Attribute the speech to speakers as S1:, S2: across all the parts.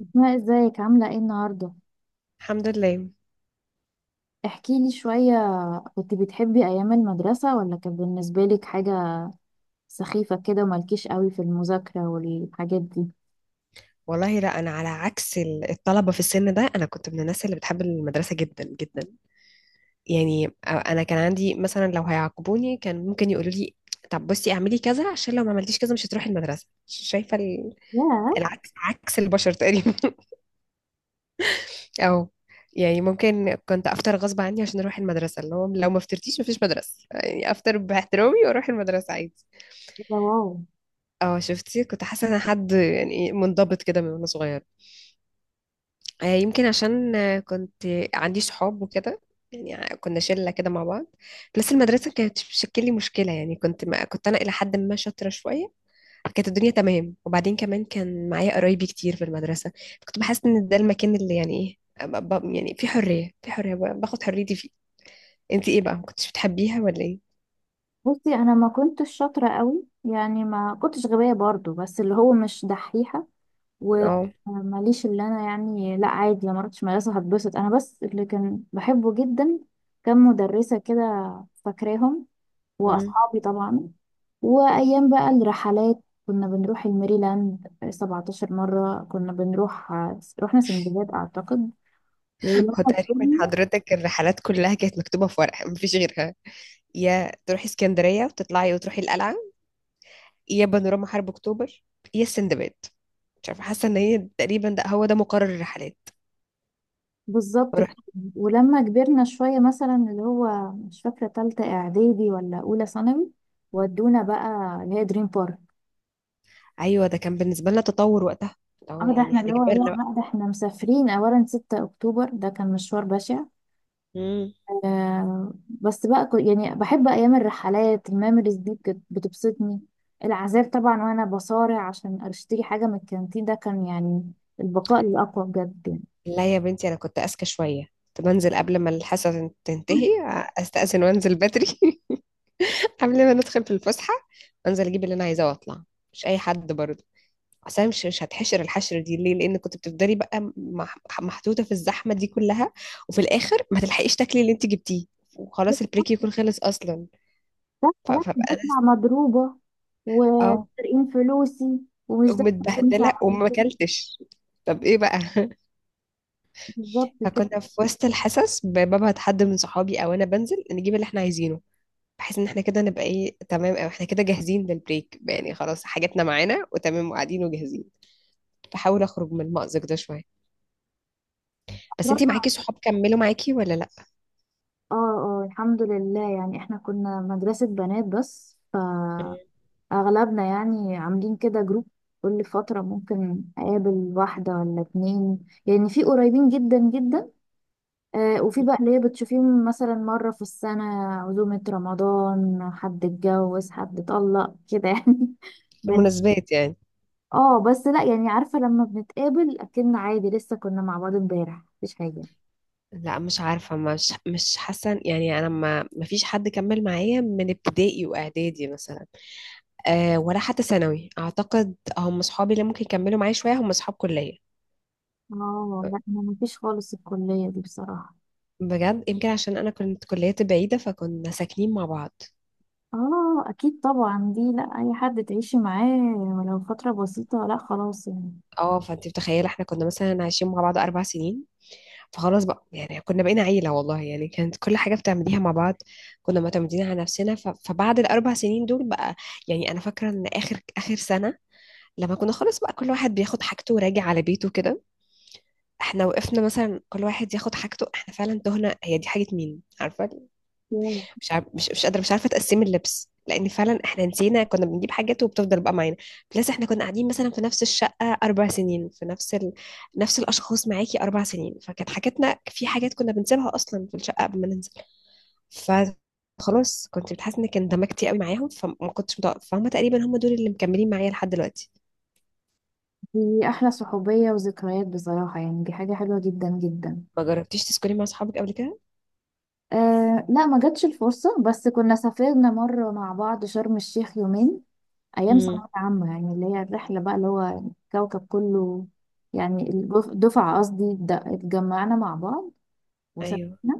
S1: أسماء ازيك عاملة ايه النهاردة؟
S2: الحمد لله.
S1: احكي لي شوية. كنت بتحبي أيام المدرسة ولا كان بالنسبة لك حاجة سخيفة كده ومالكيش قوي في المذاكرة والحاجات دي؟
S2: والله لا، انا على عكس الطلبه في السن ده. انا كنت من الناس اللي بتحب المدرسه جدا جدا. يعني انا كان عندي مثلا لو هيعاقبوني كان ممكن يقولوا لي طب بصي اعملي كذا عشان لو ما عملتيش كذا مش هتروحي المدرسه. شايفه
S1: ياه.
S2: العكس، عكس البشر تقريبا. او يعني ممكن كنت افطر غصب عني عشان اروح المدرسه، اللي هو لو ما فطرتيش مفيش مدرسه، يعني افطر باحترامي واروح المدرسه عادي.
S1: ده واو.
S2: اه، شفتي؟ كنت حاسه ان أنا حد يعني منضبط كده من وانا صغيره. يمكن عشان كنت عندي صحاب وكده. يعني كنا شلة كده مع بعض. بس المدرسة كانت بتشكل لي مشكلة، يعني كنت أنا إلى حد ما شاطرة شوية، كانت الدنيا تمام. وبعدين كمان كان معايا قرايبي كتير في المدرسة، كنت بحس إن ده المكان اللي يعني إيه، يعني في حرية، في حرية باخد حريتي فيه. أنت إيه بقى، ما كنتش بتحبيها ولا إيه؟
S1: بصي أنا ما كنتش شاطرة قوي، يعني ما كنتش غبية برضو، بس اللي هو مش دحيحة.
S2: اه.
S1: وماليش اللي أنا يعني، لا عادي لما رحتش مدرسة هتبسط. أنا بس اللي كان بحبه جدا كان مدرسة كده، فاكراهم،
S2: مم.
S1: وأصحابي طبعا، وأيام بقى الرحلات. كنا بنروح الميريلاند 17 مرة كنا بنروح، رحنا سندباد أعتقد. ولما
S2: هو تقريبا
S1: كبرنا
S2: حضرتك الرحلات كلها كانت مكتوبة في ورقة مفيش غيرها، يا تروحي اسكندرية وتطلعي وتروحي القلعة، يا بانوراما حرب اكتوبر، يا السندباد. مش عارفه، حاسه ان هي تقريبا ده هو ده مقرر الرحلات.
S1: بالظبط كده.
S2: فرحت.
S1: ولما كبرنا شوية مثلا، اللي هو مش فاكرة تالتة إعدادي ولا أولى ثانوي، ودونا بقى اللي هي دريم بارك.
S2: ايوه، ده كان بالنسبه لنا تطور وقتها. اه
S1: اه ده
S2: يعني
S1: احنا، اللي
S2: احنا
S1: هو
S2: كبرنا
S1: لا
S2: بقى.
S1: بقى ده احنا مسافرين أولا 6 أكتوبر، ده كان مشوار بشع.
S2: مم.
S1: بس بقى يعني بحب ايام الرحلات، الميموريز دي بتبسطني. العذاب طبعا وانا بصارع عشان اشتري حاجه من الكانتين، ده كان يعني البقاء الاقوى بجد يعني.
S2: لا يا بنتي، انا كنت اذكى شويه، كنت بنزل قبل ما الحصه تنتهي، استاذن وانزل بدري قبل ما ندخل في الفسحه. انزل اجيب اللي انا عايزاه واطلع. مش اي حد برضه. اصل أنا مش هتحشر الحشر دي ليه؟ لان كنت بتفضلي بقى محطوطه في الزحمه دي كلها، وفي الاخر ما تلحقيش تاكلي اللي انت جبتيه،
S1: بس
S2: وخلاص البريك يكون خلص اصلا.
S1: بصحى بقى
S2: ف-
S1: خلاص
S2: فبقى انا س-
S1: بطلع مضروبه
S2: اه.
S1: وسارقين فلوسي ومش ده اللي كنت
S2: ومتبهدله وما
S1: عايزاه.
S2: اكلتش. طب ايه بقى؟
S1: بالظبط كده.
S2: فكنا في وسط الحصص ببعت حد من صحابي او انا بنزل نجيب اللي احنا عايزينه، بحيث ان احنا كده نبقى ايه، تمام، او احنا كده جاهزين للبريك، يعني خلاص حاجاتنا معانا وتمام وقاعدين وجاهزين. بحاول اخرج من المأزق ده شويه. بس انتي
S1: رابعة-
S2: معاكي صحاب كملوا معاكي ولا لا؟
S1: اه. اه الحمد لله، يعني احنا كنا مدرسه بنات، بس ف اغلبنا يعني عاملين كده جروب. كل فترة ممكن اقابل واحدة ولا اتنين، يعني في قريبين جدا جدا، آه وفي بقى اللي هي بتشوفيهم مثلا مرة في السنة، عزومة رمضان، حد اتجوز، حد اتطلق كده يعني.
S2: في
S1: بن...
S2: المناسبات يعني.
S1: اه بس لا يعني، عارفة لما بنتقابل اكن عادي لسه كنا مع بعض امبارح، مفيش حاجة.
S2: لا مش عارفة، مش حاسة، يعني أنا ما فيش حد كمل معايا من ابتدائي وإعدادي مثلا. آه، ولا حتى ثانوي. اعتقد هم اصحابي اللي ممكن يكملوا معايا شويه هم اصحاب كليه.
S1: اه لا ما مفيش خالص، الكلية دي بصراحة.
S2: بجد، يمكن عشان انا كنت كليتي بعيده فكنا ساكنين مع بعض.
S1: اه اكيد طبعا، دي لا اي حد تعيشي معاه ولو فترة بسيطة، لا خلاص يعني.
S2: اه، فانت متخيله، احنا كنا مثلا عايشين مع بعض اربع سنين، فخلاص بقى يعني كنا بقينا عيله والله، يعني كانت كل حاجه بتعمليها مع بعض، كنا معتمدين على نفسنا. ف... فبعد الاربع سنين دول بقى، يعني انا فاكره ان اخر سنه، لما كنا خلاص بقى كل واحد بياخد حاجته وراجع على بيته كده، احنا وقفنا مثلا كل واحد ياخد حاجته، احنا فعلا تهنا، هي دي حاجه مين عارفه،
S1: ياه.
S2: مش قادره، مش عارفه تقسم اللبس، لان فعلا احنا نسينا كنا بنجيب حاجات وبتفضل بقى معانا. بلس احنا كنا قاعدين مثلا في نفس الشقه اربع سنين، في نفس نفس الاشخاص معاكي اربع سنين، فكانت حاجاتنا في حاجات كنا بنسيبها اصلا في الشقه قبل ما ننزل. فخلاص كنت بتحس انك اندمجتي قوي معاهم، فما كنتش متوقف، فهم تقريبا هم دول اللي مكملين معايا لحد دلوقتي.
S1: دي احلى صحوبية وذكريات بصراحة، يعني دي حاجة حلوة جدا جدا.
S2: ما جربتيش تسكني مع اصحابك قبل كده؟
S1: أه لا ما جاتش الفرصة، بس كنا سافرنا مرة مع بعض شرم الشيخ يومين أيام
S2: امم.
S1: ثانوية عامة، يعني اللي هي الرحلة بقى اللي هو الكوكب كله، يعني دفعة قصدي، اتجمعنا مع بعض
S2: ايوه.
S1: وسافرنا.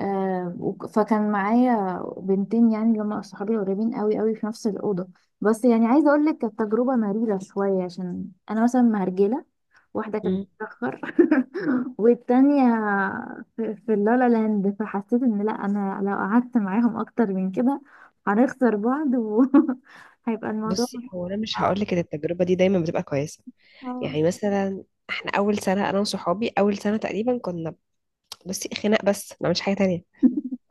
S1: فكان معايا بنتين يعني اللي هم صحابي قريبين قوي قوي في نفس الأوضة. بس يعني عايزة أقول لك كانت تجربة مريرة شوية، عشان أنا مثلا مهرجلة، واحدة كانت
S2: امم.
S1: بتتأخر، والتانية في اللالا لاند، فحسيت إن لأ أنا لو قعدت معاهم أكتر من كده هنخسر بعض وهيبقى الموضوع.
S2: بصي هو انا مش هقول
S1: آه.
S2: لك ان التجربه دي دايما بتبقى كويسه.
S1: آه.
S2: يعني مثلا احنا اول سنه، انا وصحابي اول سنه تقريبا كنا، بصي، خناق، بس ما عملش حاجه تانية،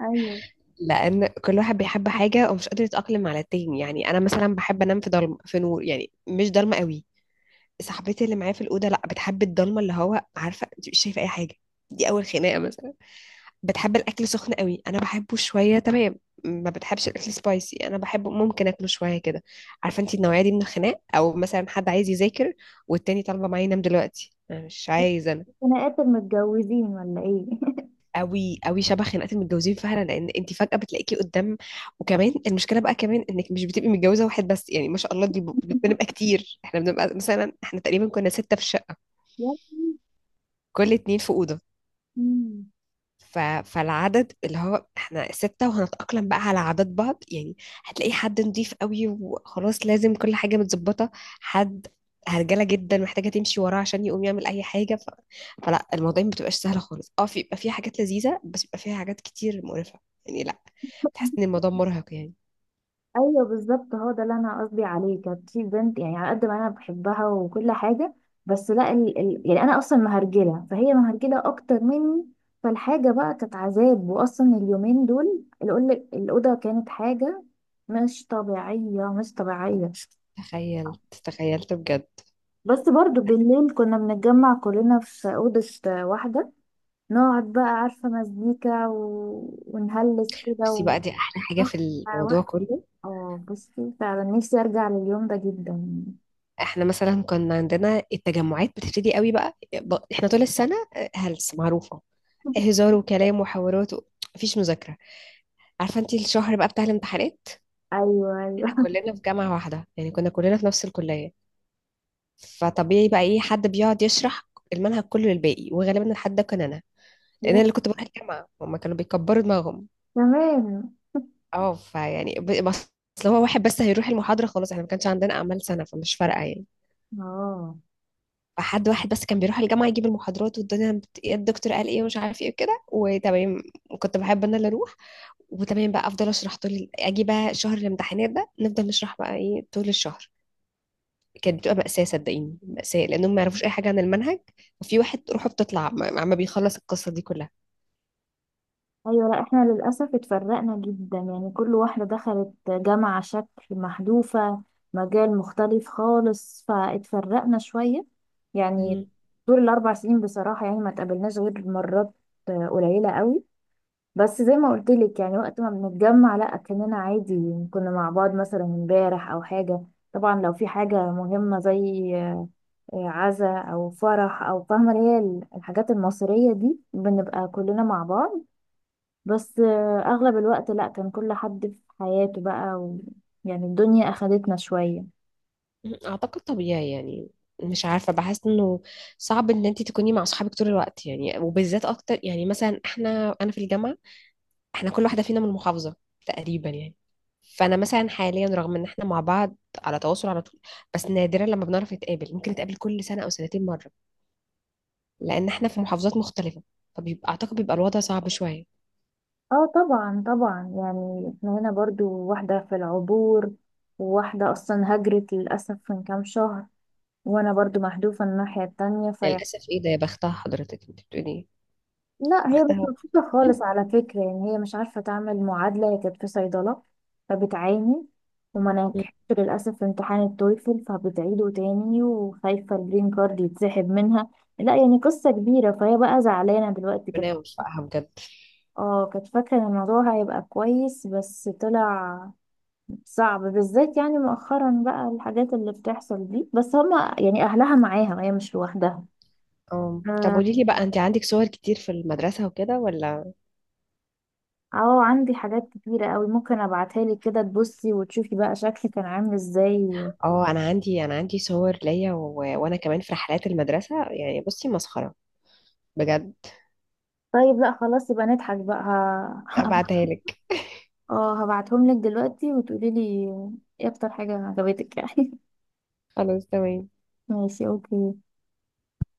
S1: أيوه.
S2: لان كل واحد بيحب حاجه ومش قادر يتاقلم على التاني. يعني انا مثلا بحب انام في ضلمه في نور، يعني مش ضلمه قوي، صاحبتي اللي معايا في الاوضه لا بتحب الضلمه اللي هو عارفه انت مش شايفه اي حاجه، دي اول خناقه مثلا. بتحب الاكل سخن قوي، انا بحبه شويه تمام. ما بتحبش الاكل سبايسي، انا بحبه ممكن اكله شويه كده. عارفه انت النوعيه دي من الخناق. او مثلا حد عايز يذاكر والتاني طالبه معايا ينام دلوقتي انا مش عايزه.
S1: خناقات المتجوزين ولا إيه؟
S2: قوي قوي شبه خناقات المتجوزين فعلا، لان انت فجأة بتلاقيكي قدام. وكمان المشكلة بقى كمان انك مش بتبقي متجوزة واحد بس يعني ما شاء الله، بنبقى كتير، احنا بنبقى مثلا، احنا تقريبا كنا ستة في الشقة،
S1: يا
S2: كل اتنين في أوضة.
S1: لهوي.
S2: ف... فالعدد اللي هو احنا ستة وهنتأقلم بقى على عادات بعض يعني. هتلاقي حد نضيف قوي وخلاص لازم كل حاجة متظبطة، حد هرجلة جدا محتاجة تمشي وراه عشان يقوم يعمل أي حاجة. ف... فلا الموضوع ما بتبقاش سهلة خالص. اه في، بيبقى فيها حاجات لذيذة بس بيبقى فيها حاجات كتير مقرفة يعني، لا بتحس إن الموضوع مرهق يعني.
S1: ايوه بالظبط، هو ده اللي انا قصدي عليه. كانت في بنت يعني على قد ما انا بحبها وكل حاجه، بس لا يعني انا اصلا مهرجله، فهي مهرجله اكتر مني. فالحاجه بقى كانت عذاب، واصلا اليومين دول الاوضه كانت حاجه مش طبيعيه، مش طبيعيه.
S2: تخيلت بجد.
S1: بس برضو بالليل كنا بنتجمع كلنا في اوضه واحده، نقعد بقى عارفه مزيكا و... ونهلس كده
S2: بصي
S1: و...
S2: بقى، دي أحلى حاجة في الموضوع
S1: واحده.
S2: كله.
S1: اه بصي فعلا نفسي ارجع لليوم ده جدا.
S2: احنا مثلا كنا عندنا التجمعات بتبتدي قوي بقى احنا طول السنة، هلس معروفة، هزار وكلام وحوارات. مفيش مذاكرة. عارفة انتي الشهر بقى بتاع الامتحانات،
S1: ايوه ايوه.
S2: احنا كلنا في جامعة واحدة، يعني كنا كلنا في نفس الكلية، فطبيعي بقى ايه، حد بيقعد يشرح المنهج كله للباقي، وغالبا الحد ده كان انا، لان انا
S1: يا
S2: اللي كنت بروح الجامعة، هما كانوا بيكبروا دماغهم.
S1: تمام.
S2: اه، فيعني ب- بس لو هو واحد بس هيروح المحاضرة خلاص، احنا ما كانش عندنا اعمال سنة فمش فارقة يعني.
S1: اه
S2: حد واحد بس كان بيروح الجامعة يجيب المحاضرات والدنيا إيه الدكتور قال ايه ومش عارف ايه وكده وتمام. كنت بحب انا اللي اروح وتمام، بقى افضل اشرح طول اجي بقى شهر الامتحانات ده نفضل نشرح بقى ايه طول الشهر. كانت بتبقى مأساة صدقيني، مأساة، لانهم ما يعرفوش اي حاجة عن المنهج، وفي واحد روحه بتطلع، ما بيخلص القصة دي كلها.
S1: ايوه. لا احنا للاسف اتفرقنا جدا، يعني كل واحده دخلت جامعه شكل محذوفه، مجال مختلف خالص، فاتفرقنا شويه يعني.
S2: مم.
S1: طول الاربع سنين بصراحه يعني ما اتقابلناش غير مرات، آه قليله قوي. بس زي ما قلت لك، يعني وقت ما بنتجمع لا كاننا عادي كنا مع بعض مثلا امبارح او حاجه. طبعا لو في حاجه مهمه زي آه، عزاء او فرح او فاهمه اللي هي الحاجات المصريه دي، بنبقى كلنا مع بعض. بس آه، اغلب الوقت لا كان كل حد في حياته بقى و... يعني الدنيا اخدتنا شويه.
S2: اعتقد طبيعي يعني، مش عارفة بحس انه صعب ان انت تكوني مع صحابك طول الوقت، يعني وبالذات اكتر. يعني مثلا احنا، انا في الجامعة، احنا كل واحدة فينا من محافظة تقريبا يعني، فانا مثلا حاليا رغم ان احنا مع بعض على تواصل على طول، بس نادرا لما بنعرف نتقابل، ممكن نتقابل كل سنة او سنتين مرة، لان احنا في محافظات مختلفة، فبيبقى اعتقد بيبقى الوضع صعب شوية.
S1: اه طبعا طبعا، يعني احنا هنا برضو واحده في العبور، وواحده اصلا هجرت للاسف من كام شهر، وانا برضو محذوفه الناحيه التانية في.
S2: للاسف؟ ايه ده، يا بختها. حضرتك انت بتقولي ايه؟
S1: لا هي مش
S2: بختها.
S1: مبسوطة خالص على فكرة، يعني هي مش عارفة تعمل معادلة، هي كانت في صيدلة فبتعاني. وما نجحتش للأسف في امتحان التويفل فبتعيده تاني، وخايفة الجرين كارد يتسحب منها. لا يعني قصة كبيرة، فهي بقى زعلانة دلوقتي كانت.
S2: ربنا يوفقها بجد.
S1: اه كانت فاكرة ان الموضوع هيبقى كويس، بس طلع صعب بالذات يعني مؤخرا بقى الحاجات اللي بتحصل دي، بس هما يعني أهلها معاها، هي مش لوحدها.
S2: اه، طب قولي لي بقى، انت عندك صور كتير في المدرسة وكده ولا؟
S1: اه عندي حاجات كتيرة قوي، ممكن ابعتها لك كده تبصي وتشوفي بقى شكلي كان عامل ازاي.
S2: اه انا عندي، انا عندي صور ليا و... وانا كمان في رحلات المدرسة يعني، بصي مسخرة بجد.
S1: طيب لا خلاص، يبقى نضحك بقى. ه-
S2: ابعتها لك.
S1: اه هبعتهم لك دلوقتي وتقولي لي ايه اكتر حاجة عجبتك يعني.
S2: خلاص تمام.
S1: ماشي اوكي.